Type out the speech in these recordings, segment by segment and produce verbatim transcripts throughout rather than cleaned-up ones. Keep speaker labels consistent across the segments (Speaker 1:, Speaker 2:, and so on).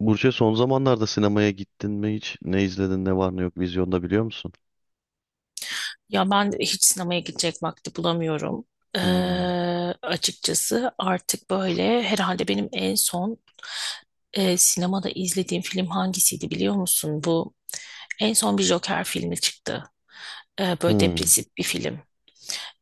Speaker 1: Burç'e son zamanlarda sinemaya gittin mi hiç? Ne izledin, ne var ne yok vizyonda biliyor musun?
Speaker 2: Ya ben de hiç sinemaya gidecek vakti bulamıyorum. Ee,
Speaker 1: Hmm.
Speaker 2: Açıkçası artık böyle herhalde benim en son e, sinemada izlediğim film hangisiydi biliyor musun? Bu en son bir Joker filmi çıktı. Ee, böyle
Speaker 1: Hmm.
Speaker 2: depresif bir film.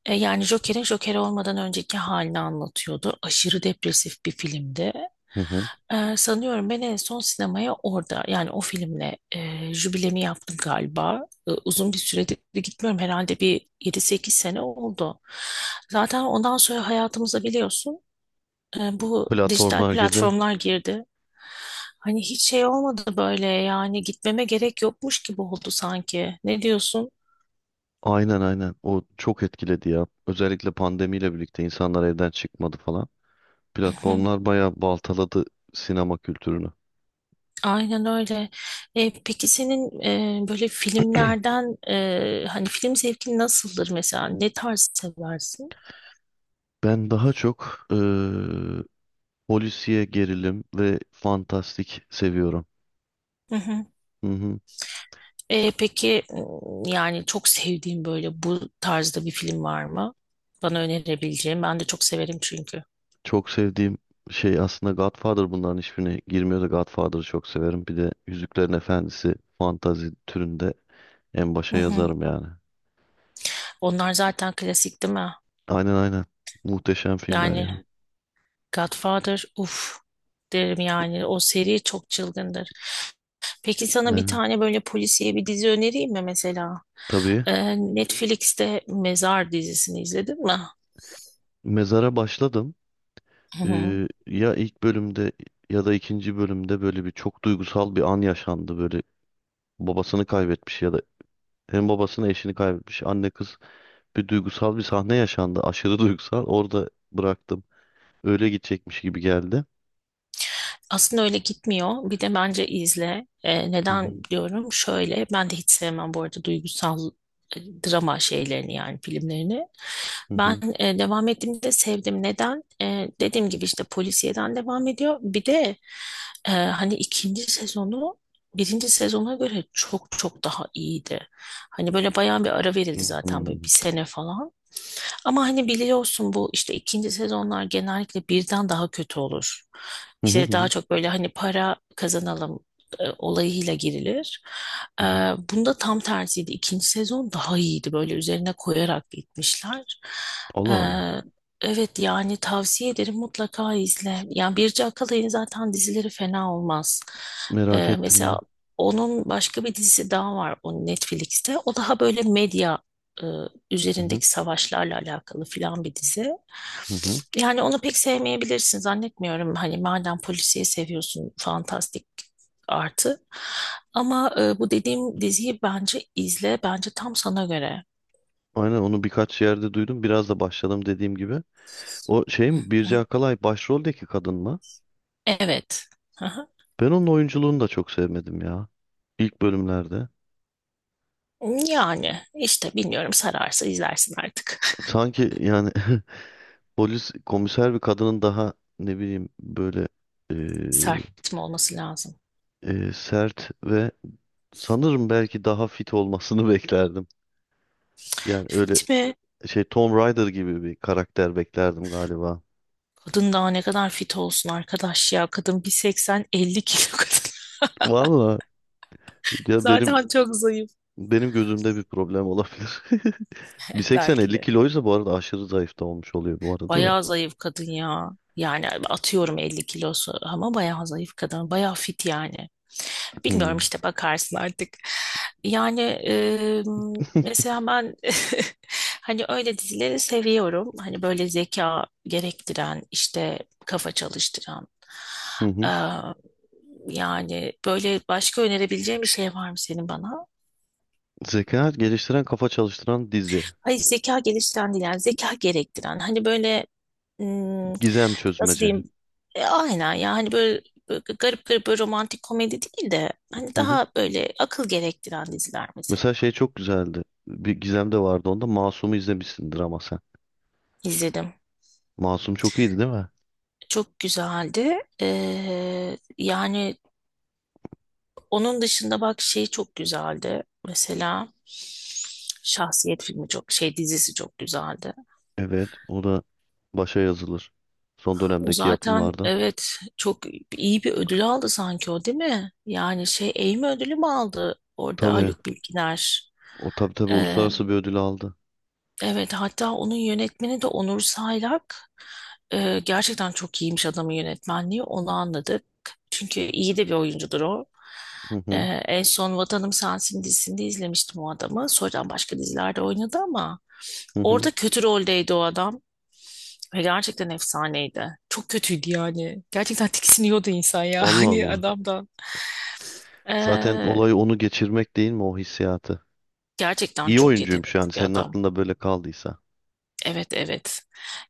Speaker 2: E, yani Joker'in Joker olmadan önceki halini anlatıyordu. Aşırı depresif bir filmdi.
Speaker 1: Hı hı.
Speaker 2: E, sanıyorum ben en son sinemaya orada yani o filmle e, jübilemi yaptım galiba. E, uzun bir süredir de gitmiyorum herhalde bir yedi sekiz sene oldu. Zaten ondan sonra hayatımıza biliyorsun e, bu dijital
Speaker 1: Platformlar girdi.
Speaker 2: platformlar girdi. Hani hiç şey olmadı böyle yani gitmeme gerek yokmuş gibi oldu sanki. Ne diyorsun?
Speaker 1: Aynen aynen. O çok etkiledi ya. Özellikle pandemiyle birlikte insanlar evden çıkmadı falan. Platformlar bayağı baltaladı sinema kültürünü.
Speaker 2: Aynen öyle. E, peki senin e, böyle filmlerden e, hani film zevkin nasıldır mesela? Ne tarz seversin?
Speaker 1: Ben daha çok eee polisiye gerilim ve fantastik seviyorum.
Speaker 2: Hı hı.
Speaker 1: Hı hı.
Speaker 2: E, peki m, yani çok sevdiğin böyle bu tarzda bir film var mı? Bana önerebileceğim? Ben de çok severim çünkü.
Speaker 1: Çok sevdiğim şey aslında Godfather bunların hiçbirine girmiyor da Godfather'ı çok severim. Bir de Yüzüklerin Efendisi fantazi türünde en
Speaker 2: Hı
Speaker 1: başa
Speaker 2: hı.
Speaker 1: yazarım yani.
Speaker 2: Onlar zaten klasik değil mi?
Speaker 1: Aynen aynen. Muhteşem filmler
Speaker 2: Yani
Speaker 1: yani.
Speaker 2: Godfather, uf derim yani. O seri çok çılgındır. Peki sana bir
Speaker 1: Aynen.
Speaker 2: tane böyle polisiye bir dizi önereyim mi mesela?
Speaker 1: Tabii.
Speaker 2: Ee, Netflix'te Mezar dizisini izledin mi?
Speaker 1: Mezara başladım. Ee, ya ilk bölümde ya da ikinci bölümde böyle bir çok duygusal bir an yaşandı. Böyle babasını kaybetmiş ya da hem babasını eşini kaybetmiş anne kız bir duygusal bir sahne yaşandı. Aşırı duygusal. Orada bıraktım. Öyle gidecekmiş gibi geldi.
Speaker 2: Aslında öyle gitmiyor. Bir de bence izle. Ee,
Speaker 1: Hı
Speaker 2: neden
Speaker 1: hı.
Speaker 2: diyorum? Şöyle, ben de hiç sevmem bu arada duygusal e, drama şeylerini yani filmlerini.
Speaker 1: Hı
Speaker 2: Ben
Speaker 1: hı.
Speaker 2: e, devam ettiğimde sevdim. Neden? E, dediğim gibi işte polisiyeden devam ediyor. Bir de e, hani ikinci sezonu birinci sezona göre çok çok daha iyiydi. Hani böyle bayağı bir ara verildi zaten böyle
Speaker 1: Hmm.
Speaker 2: bir sene falan. Ama hani biliyorsun bu işte ikinci sezonlar genellikle birden daha kötü olur.
Speaker 1: Hı hı hı
Speaker 2: İşte daha
Speaker 1: hı.
Speaker 2: çok böyle hani para kazanalım e, olayıyla girilir. E,
Speaker 1: Hı hı.
Speaker 2: Bunda tam tersiydi. İkinci sezon daha iyiydi. Böyle üzerine koyarak gitmişler. E,
Speaker 1: Allah Allah.
Speaker 2: evet yani tavsiye ederim mutlaka izle. Yani Birce Akalay'ın zaten dizileri fena olmaz.
Speaker 1: Merak
Speaker 2: E,
Speaker 1: ettim
Speaker 2: mesela
Speaker 1: ya.
Speaker 2: onun başka bir dizisi daha var o Netflix'te. O daha böyle medya
Speaker 1: Hı hı
Speaker 2: üzerindeki savaşlarla alakalı filan bir dizi.
Speaker 1: hı hı.
Speaker 2: Yani onu pek sevmeyebilirsin zannetmiyorum. Hani madem polisiye seviyorsun fantastik artı. Ama e, bu dediğim diziyi bence izle. Bence tam sana göre.
Speaker 1: Aynen, onu birkaç yerde duydum. Biraz da başladım dediğim gibi. O şey
Speaker 2: Hı
Speaker 1: mi? Birce
Speaker 2: hı.
Speaker 1: Akalay başroldeki kadın mı?
Speaker 2: Evet. Hı hı.
Speaker 1: Ben onun oyunculuğunu da çok sevmedim ya. İlk bölümlerde.
Speaker 2: Yani işte bilmiyorum sararsa izlersin artık.
Speaker 1: Sanki yani polis komiser bir kadının daha ne bileyim böyle e,
Speaker 2: Sert mi olması lazım?
Speaker 1: e, sert ve sanırım belki daha fit olmasını beklerdim. Yani öyle
Speaker 2: Fit mi?
Speaker 1: şey Tom Rider gibi bir karakter beklerdim galiba.
Speaker 2: Kadın daha ne kadar fit olsun arkadaş ya. Kadın bir seksen elli kilo kadın.
Speaker 1: Vallahi. Ya benim
Speaker 2: Zaten çok zayıf
Speaker 1: benim gözümde bir problem olabilir.
Speaker 2: belki
Speaker 1: bir seksen-elli
Speaker 2: de.
Speaker 1: kiloysa bu arada aşırı zayıf da olmuş oluyor bu arada da.
Speaker 2: Bayağı zayıf kadın ya. Yani atıyorum elli kilosu ama bayağı zayıf kadın. Bayağı fit yani. Bilmiyorum
Speaker 1: Hmm.
Speaker 2: işte bakarsın artık. Yani e, mesela ben hani öyle dizileri seviyorum. Hani böyle zeka gerektiren işte kafa çalıştıran.
Speaker 1: Hı
Speaker 2: Ee,
Speaker 1: hı.
Speaker 2: Yani böyle başka önerebileceğin bir şey var mı senin bana?
Speaker 1: Zeka geliştiren kafa çalıştıran dizi.
Speaker 2: Hayır zeka geliştiren değil yani zeka gerektiren. Hani böyle hmm,
Speaker 1: Gizem
Speaker 2: nasıl
Speaker 1: çözmece.
Speaker 2: diyeyim? E, aynen ya hani böyle, böyle garip garip böyle romantik komedi değil de hani
Speaker 1: Hı hı.
Speaker 2: daha böyle akıl gerektiren diziler mesela
Speaker 1: Mesela şey çok güzeldi. Bir Gizem de vardı onda. Masum'u izlemişsindir ama sen.
Speaker 2: izledim.
Speaker 1: Masum çok iyiydi değil mi?
Speaker 2: Çok güzeldi. Ee, yani onun dışında bak şey çok güzeldi. Mesela Şahsiyet filmi çok şey dizisi çok güzeldi.
Speaker 1: Evet. O da başa yazılır. Son
Speaker 2: O
Speaker 1: dönemdeki
Speaker 2: zaten
Speaker 1: yapımlardan.
Speaker 2: evet çok iyi bir ödül aldı sanki o değil mi? Yani şey Emmy ödülü mü aldı orada
Speaker 1: Tabii.
Speaker 2: Haluk Bilginer?
Speaker 1: O tabii tabii
Speaker 2: Ee,
Speaker 1: uluslararası bir ödül aldı.
Speaker 2: evet hatta onun yönetmeni de Onur Saylak. Ee, gerçekten çok iyiymiş adamın yönetmenliği onu anladık. Çünkü iyi de bir oyuncudur o.
Speaker 1: Hı
Speaker 2: Ee,
Speaker 1: hı.
Speaker 2: En son Vatanım Sensin dizisinde izlemiştim o adamı. Sonradan başka dizilerde oynadı ama
Speaker 1: Hı hı.
Speaker 2: orada kötü roldeydi o adam. Ve gerçekten efsaneydi. Çok kötüydü yani. Gerçekten tiksiniyordu insan ya
Speaker 1: Allah
Speaker 2: hani
Speaker 1: Allah.
Speaker 2: adamdan.
Speaker 1: Zaten
Speaker 2: Ee,
Speaker 1: olay onu geçirmek değil mi, o hissiyatı?
Speaker 2: Gerçekten
Speaker 1: İyi
Speaker 2: çok
Speaker 1: oyuncuyum şu
Speaker 2: yetenekli
Speaker 1: an
Speaker 2: bir
Speaker 1: senin
Speaker 2: adam.
Speaker 1: aklında böyle kaldıysa.
Speaker 2: Evet, evet.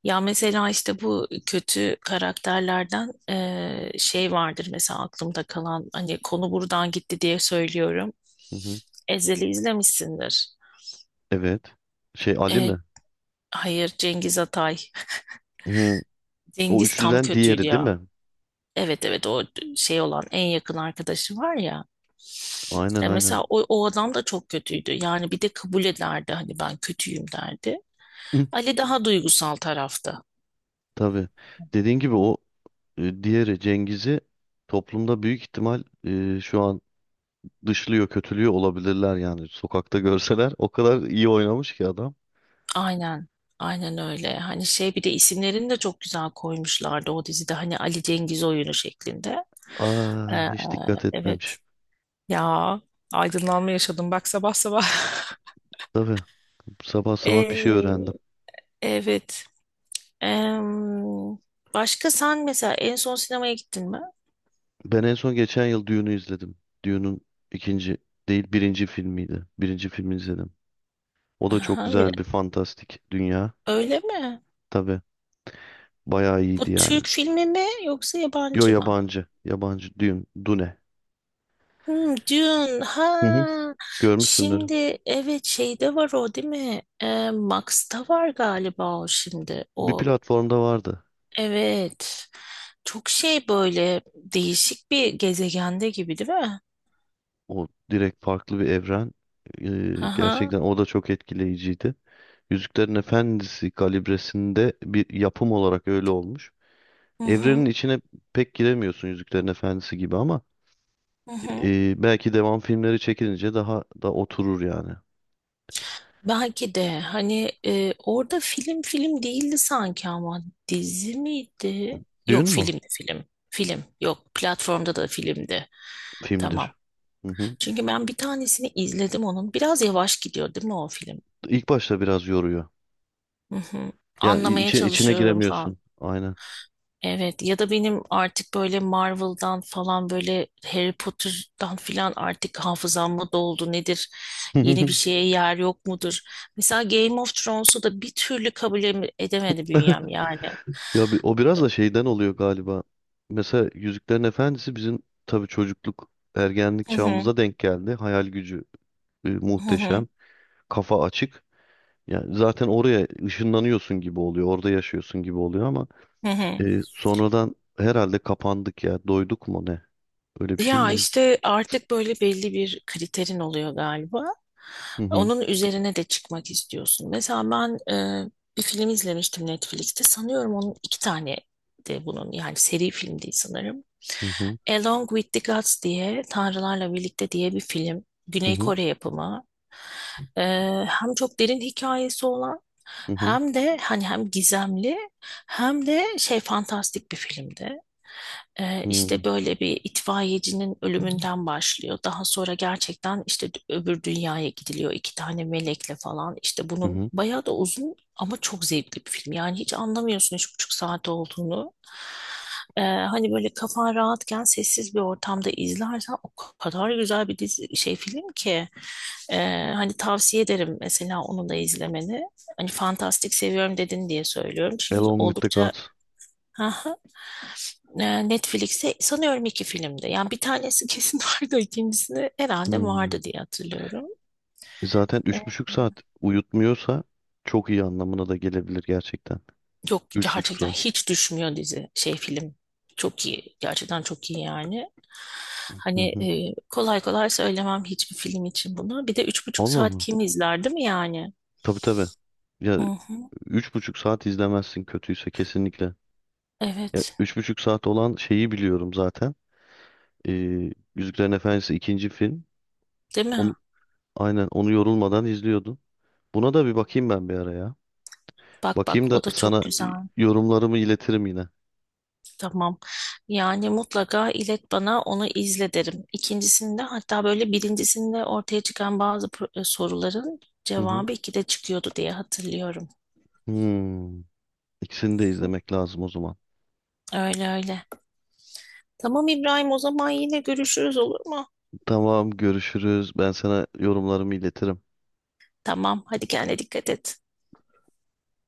Speaker 2: Ya mesela işte bu kötü karakterlerden ee, şey vardır mesela aklımda kalan hani konu buradan gitti diye söylüyorum.
Speaker 1: Hı hı.
Speaker 2: Ezel'i izlemişsindir.
Speaker 1: Evet. Şey Ali
Speaker 2: Ee,
Speaker 1: mi?
Speaker 2: hayır, Cengiz Atay.
Speaker 1: Hı. O
Speaker 2: Cengiz tam
Speaker 1: üçlüden
Speaker 2: kötüydü
Speaker 1: diğeri değil
Speaker 2: ya.
Speaker 1: mi?
Speaker 2: Evet, evet, o şey olan en yakın arkadaşı var ya.
Speaker 1: Aynen
Speaker 2: E,
Speaker 1: aynen.
Speaker 2: mesela o, o adam da çok kötüydü. Yani bir de kabul ederdi hani ben kötüyüm derdi.
Speaker 1: Hı,
Speaker 2: Ali daha duygusal tarafta.
Speaker 1: tabii. Dediğin gibi o e, diğeri Cengiz'i toplumda büyük ihtimal e, şu an dışlıyor, kötülüyor olabilirler yani. Sokakta görseler o kadar iyi oynamış ki adam.
Speaker 2: Aynen. Aynen öyle. Hani şey bir de isimlerini de çok güzel koymuşlardı o dizide. Hani Ali Cengiz oyunu şeklinde. Ee,
Speaker 1: Aa, hiç dikkat
Speaker 2: evet.
Speaker 1: etmemiş.
Speaker 2: Ya aydınlanma yaşadım bak sabah sabah.
Speaker 1: Tabii sabah sabah bir şey öğrendim.
Speaker 2: Ee, evet. Em, Başka sen mesela en son sinemaya gittin mi?
Speaker 1: Ben en son geçen yıl Dune'u izledim. Dune'un ikinci değil birinci filmiydi. Birinci filmi izledim. O da çok
Speaker 2: Aha, bir-
Speaker 1: güzel bir fantastik dünya.
Speaker 2: öyle mi?
Speaker 1: Tabii bayağı
Speaker 2: Bu
Speaker 1: iyiydi yani.
Speaker 2: Türk filmi mi yoksa
Speaker 1: Yo,
Speaker 2: yabancı mı?
Speaker 1: yabancı. Yabancı Dune. Dune.
Speaker 2: Hmm, Dune.
Speaker 1: Hı hı.
Speaker 2: Ha.
Speaker 1: Görmüşsündür.
Speaker 2: Şimdi evet şeyde var o değil mi? Ee, Max'ta var galiba o şimdi.
Speaker 1: Bir
Speaker 2: O
Speaker 1: platformda vardı.
Speaker 2: evet. Çok şey böyle değişik bir gezegende gibi değil mi?
Speaker 1: O direkt farklı bir evren. Ee,
Speaker 2: Aha.
Speaker 1: gerçekten o da çok etkileyiciydi. Yüzüklerin Efendisi kalibresinde bir yapım olarak öyle olmuş.
Speaker 2: Hı
Speaker 1: Evrenin
Speaker 2: hı.
Speaker 1: içine pek giremiyorsun Yüzüklerin Efendisi gibi ama
Speaker 2: Hı hı.
Speaker 1: Ee, belki devam filmleri çekilince daha da oturur yani.
Speaker 2: Belki de hani e, orada film film değildi sanki ama dizi miydi?
Speaker 1: Düğün
Speaker 2: Yok,
Speaker 1: mü?
Speaker 2: filmdi film. Film, yok platformda da filmdi.
Speaker 1: Filmdir.
Speaker 2: Tamam.
Speaker 1: Hı hı.
Speaker 2: Çünkü ben bir tanesini izledim onun. Biraz yavaş gidiyor değil mi o film?
Speaker 1: İlk başta biraz yoruyor.
Speaker 2: Hı hı.
Speaker 1: Yani i-
Speaker 2: Anlamaya
Speaker 1: içi- içine
Speaker 2: çalışıyorum falan.
Speaker 1: giremiyorsun. Aynen.
Speaker 2: Evet ya da benim artık böyle Marvel'dan falan böyle Harry Potter'dan filan artık hafızam mı doldu nedir? Yeni bir şeye yer yok mudur? Mesela Game of Thrones'u da bir türlü kabul em- edemedi bünyem yani.
Speaker 1: Ya bi- o biraz da şeyden oluyor galiba. Mesela Yüzüklerin Efendisi bizim tabii çocukluk, ergenlik
Speaker 2: Hı hı,
Speaker 1: çağımıza denk geldi. Hayal gücü e,
Speaker 2: hı hı,
Speaker 1: muhteşem, kafa açık. Yani zaten oraya ışınlanıyorsun gibi oluyor, orada yaşıyorsun gibi oluyor ama
Speaker 2: hı hı.
Speaker 1: e, sonradan herhalde kapandık ya, doyduk mu ne? Öyle bir şey mi
Speaker 2: Ya
Speaker 1: oldu?
Speaker 2: işte artık böyle belli bir kriterin oluyor galiba.
Speaker 1: Hı hı,
Speaker 2: Onun üzerine de çıkmak istiyorsun. Mesela ben e, bir film izlemiştim Netflix'te. Sanıyorum onun iki tane de bunun yani seri film değil sanırım.
Speaker 1: hı hı.
Speaker 2: Along with the Gods diye Tanrılarla Birlikte diye bir film.
Speaker 1: Hı
Speaker 2: Güney
Speaker 1: hı.
Speaker 2: Kore yapımı. Ee, hem çok derin hikayesi olan
Speaker 1: Hı hı.
Speaker 2: hem de hani hem gizemli hem de şey fantastik bir filmdi. Ee,
Speaker 1: Hı
Speaker 2: işte böyle bir itfaiyecinin ölümünden başlıyor. Daha sonra gerçekten işte d- öbür dünyaya gidiliyor iki tane melekle falan. İşte
Speaker 1: hı.
Speaker 2: bunun
Speaker 1: Hı.
Speaker 2: bayağı da uzun ama çok zevkli bir film. Yani hiç anlamıyorsun üç buçuk saat olduğunu. Ee, hani böyle kafan rahatken sessiz bir ortamda izlersen o kadar güzel bir dizi şey film ki. Ee, hani tavsiye ederim mesela onu da izlemeni. Hani fantastik seviyorum dedin diye söylüyorum. Çünkü
Speaker 1: Along with the
Speaker 2: oldukça.
Speaker 1: Gods.
Speaker 2: Aha. Ee, Netflix'te sanıyorum iki filmde. Yani bir tanesi kesin vardı, ikincisini herhalde
Speaker 1: Hmm.
Speaker 2: vardı diye hatırlıyorum.
Speaker 1: Zaten üç buçuk saat uyutmuyorsa çok iyi anlamına da gelebilir gerçekten.
Speaker 2: Yok,
Speaker 1: Üç buçuk
Speaker 2: gerçekten
Speaker 1: saat.
Speaker 2: hiç düşmüyor dizi şey film, çok iyi, gerçekten çok iyi yani.
Speaker 1: Hı
Speaker 2: Hani
Speaker 1: hı.
Speaker 2: e, kolay kolay söylemem hiçbir film için bunu, bir de üç buçuk
Speaker 1: Allah
Speaker 2: saat
Speaker 1: Allah.
Speaker 2: kim izler değil mi yani.
Speaker 1: Tabii tabii. Ya
Speaker 2: Hı hı,
Speaker 1: üç buçuk saat izlemezsin kötüyse kesinlikle. Ya
Speaker 2: evet,
Speaker 1: üç buçuk saat olan şeyi biliyorum zaten. Ee, Yüzüklerin Efendisi ikinci film.
Speaker 2: değil mi,
Speaker 1: Onu, aynen onu yorulmadan izliyordum. Buna da bir bakayım ben bir ara ya.
Speaker 2: bak
Speaker 1: Bakayım
Speaker 2: bak o
Speaker 1: da
Speaker 2: da çok
Speaker 1: sana e,
Speaker 2: güzel.
Speaker 1: yorumlarımı iletirim yine.
Speaker 2: Tamam, yani mutlaka ilet bana, onu izle derim. İkincisinde, hatta böyle birincisinde ortaya çıkan bazı pro- e, soruların
Speaker 1: Hı hı.
Speaker 2: cevabı ikide çıkıyordu diye hatırlıyorum.
Speaker 1: Hmm. İkisini de izlemek lazım o zaman.
Speaker 2: Öyle öyle. Tamam İbrahim, o zaman yine görüşürüz olur mu?
Speaker 1: Tamam, görüşürüz. Ben sana yorumlarımı iletirim.
Speaker 2: Tamam hadi kendine dikkat et.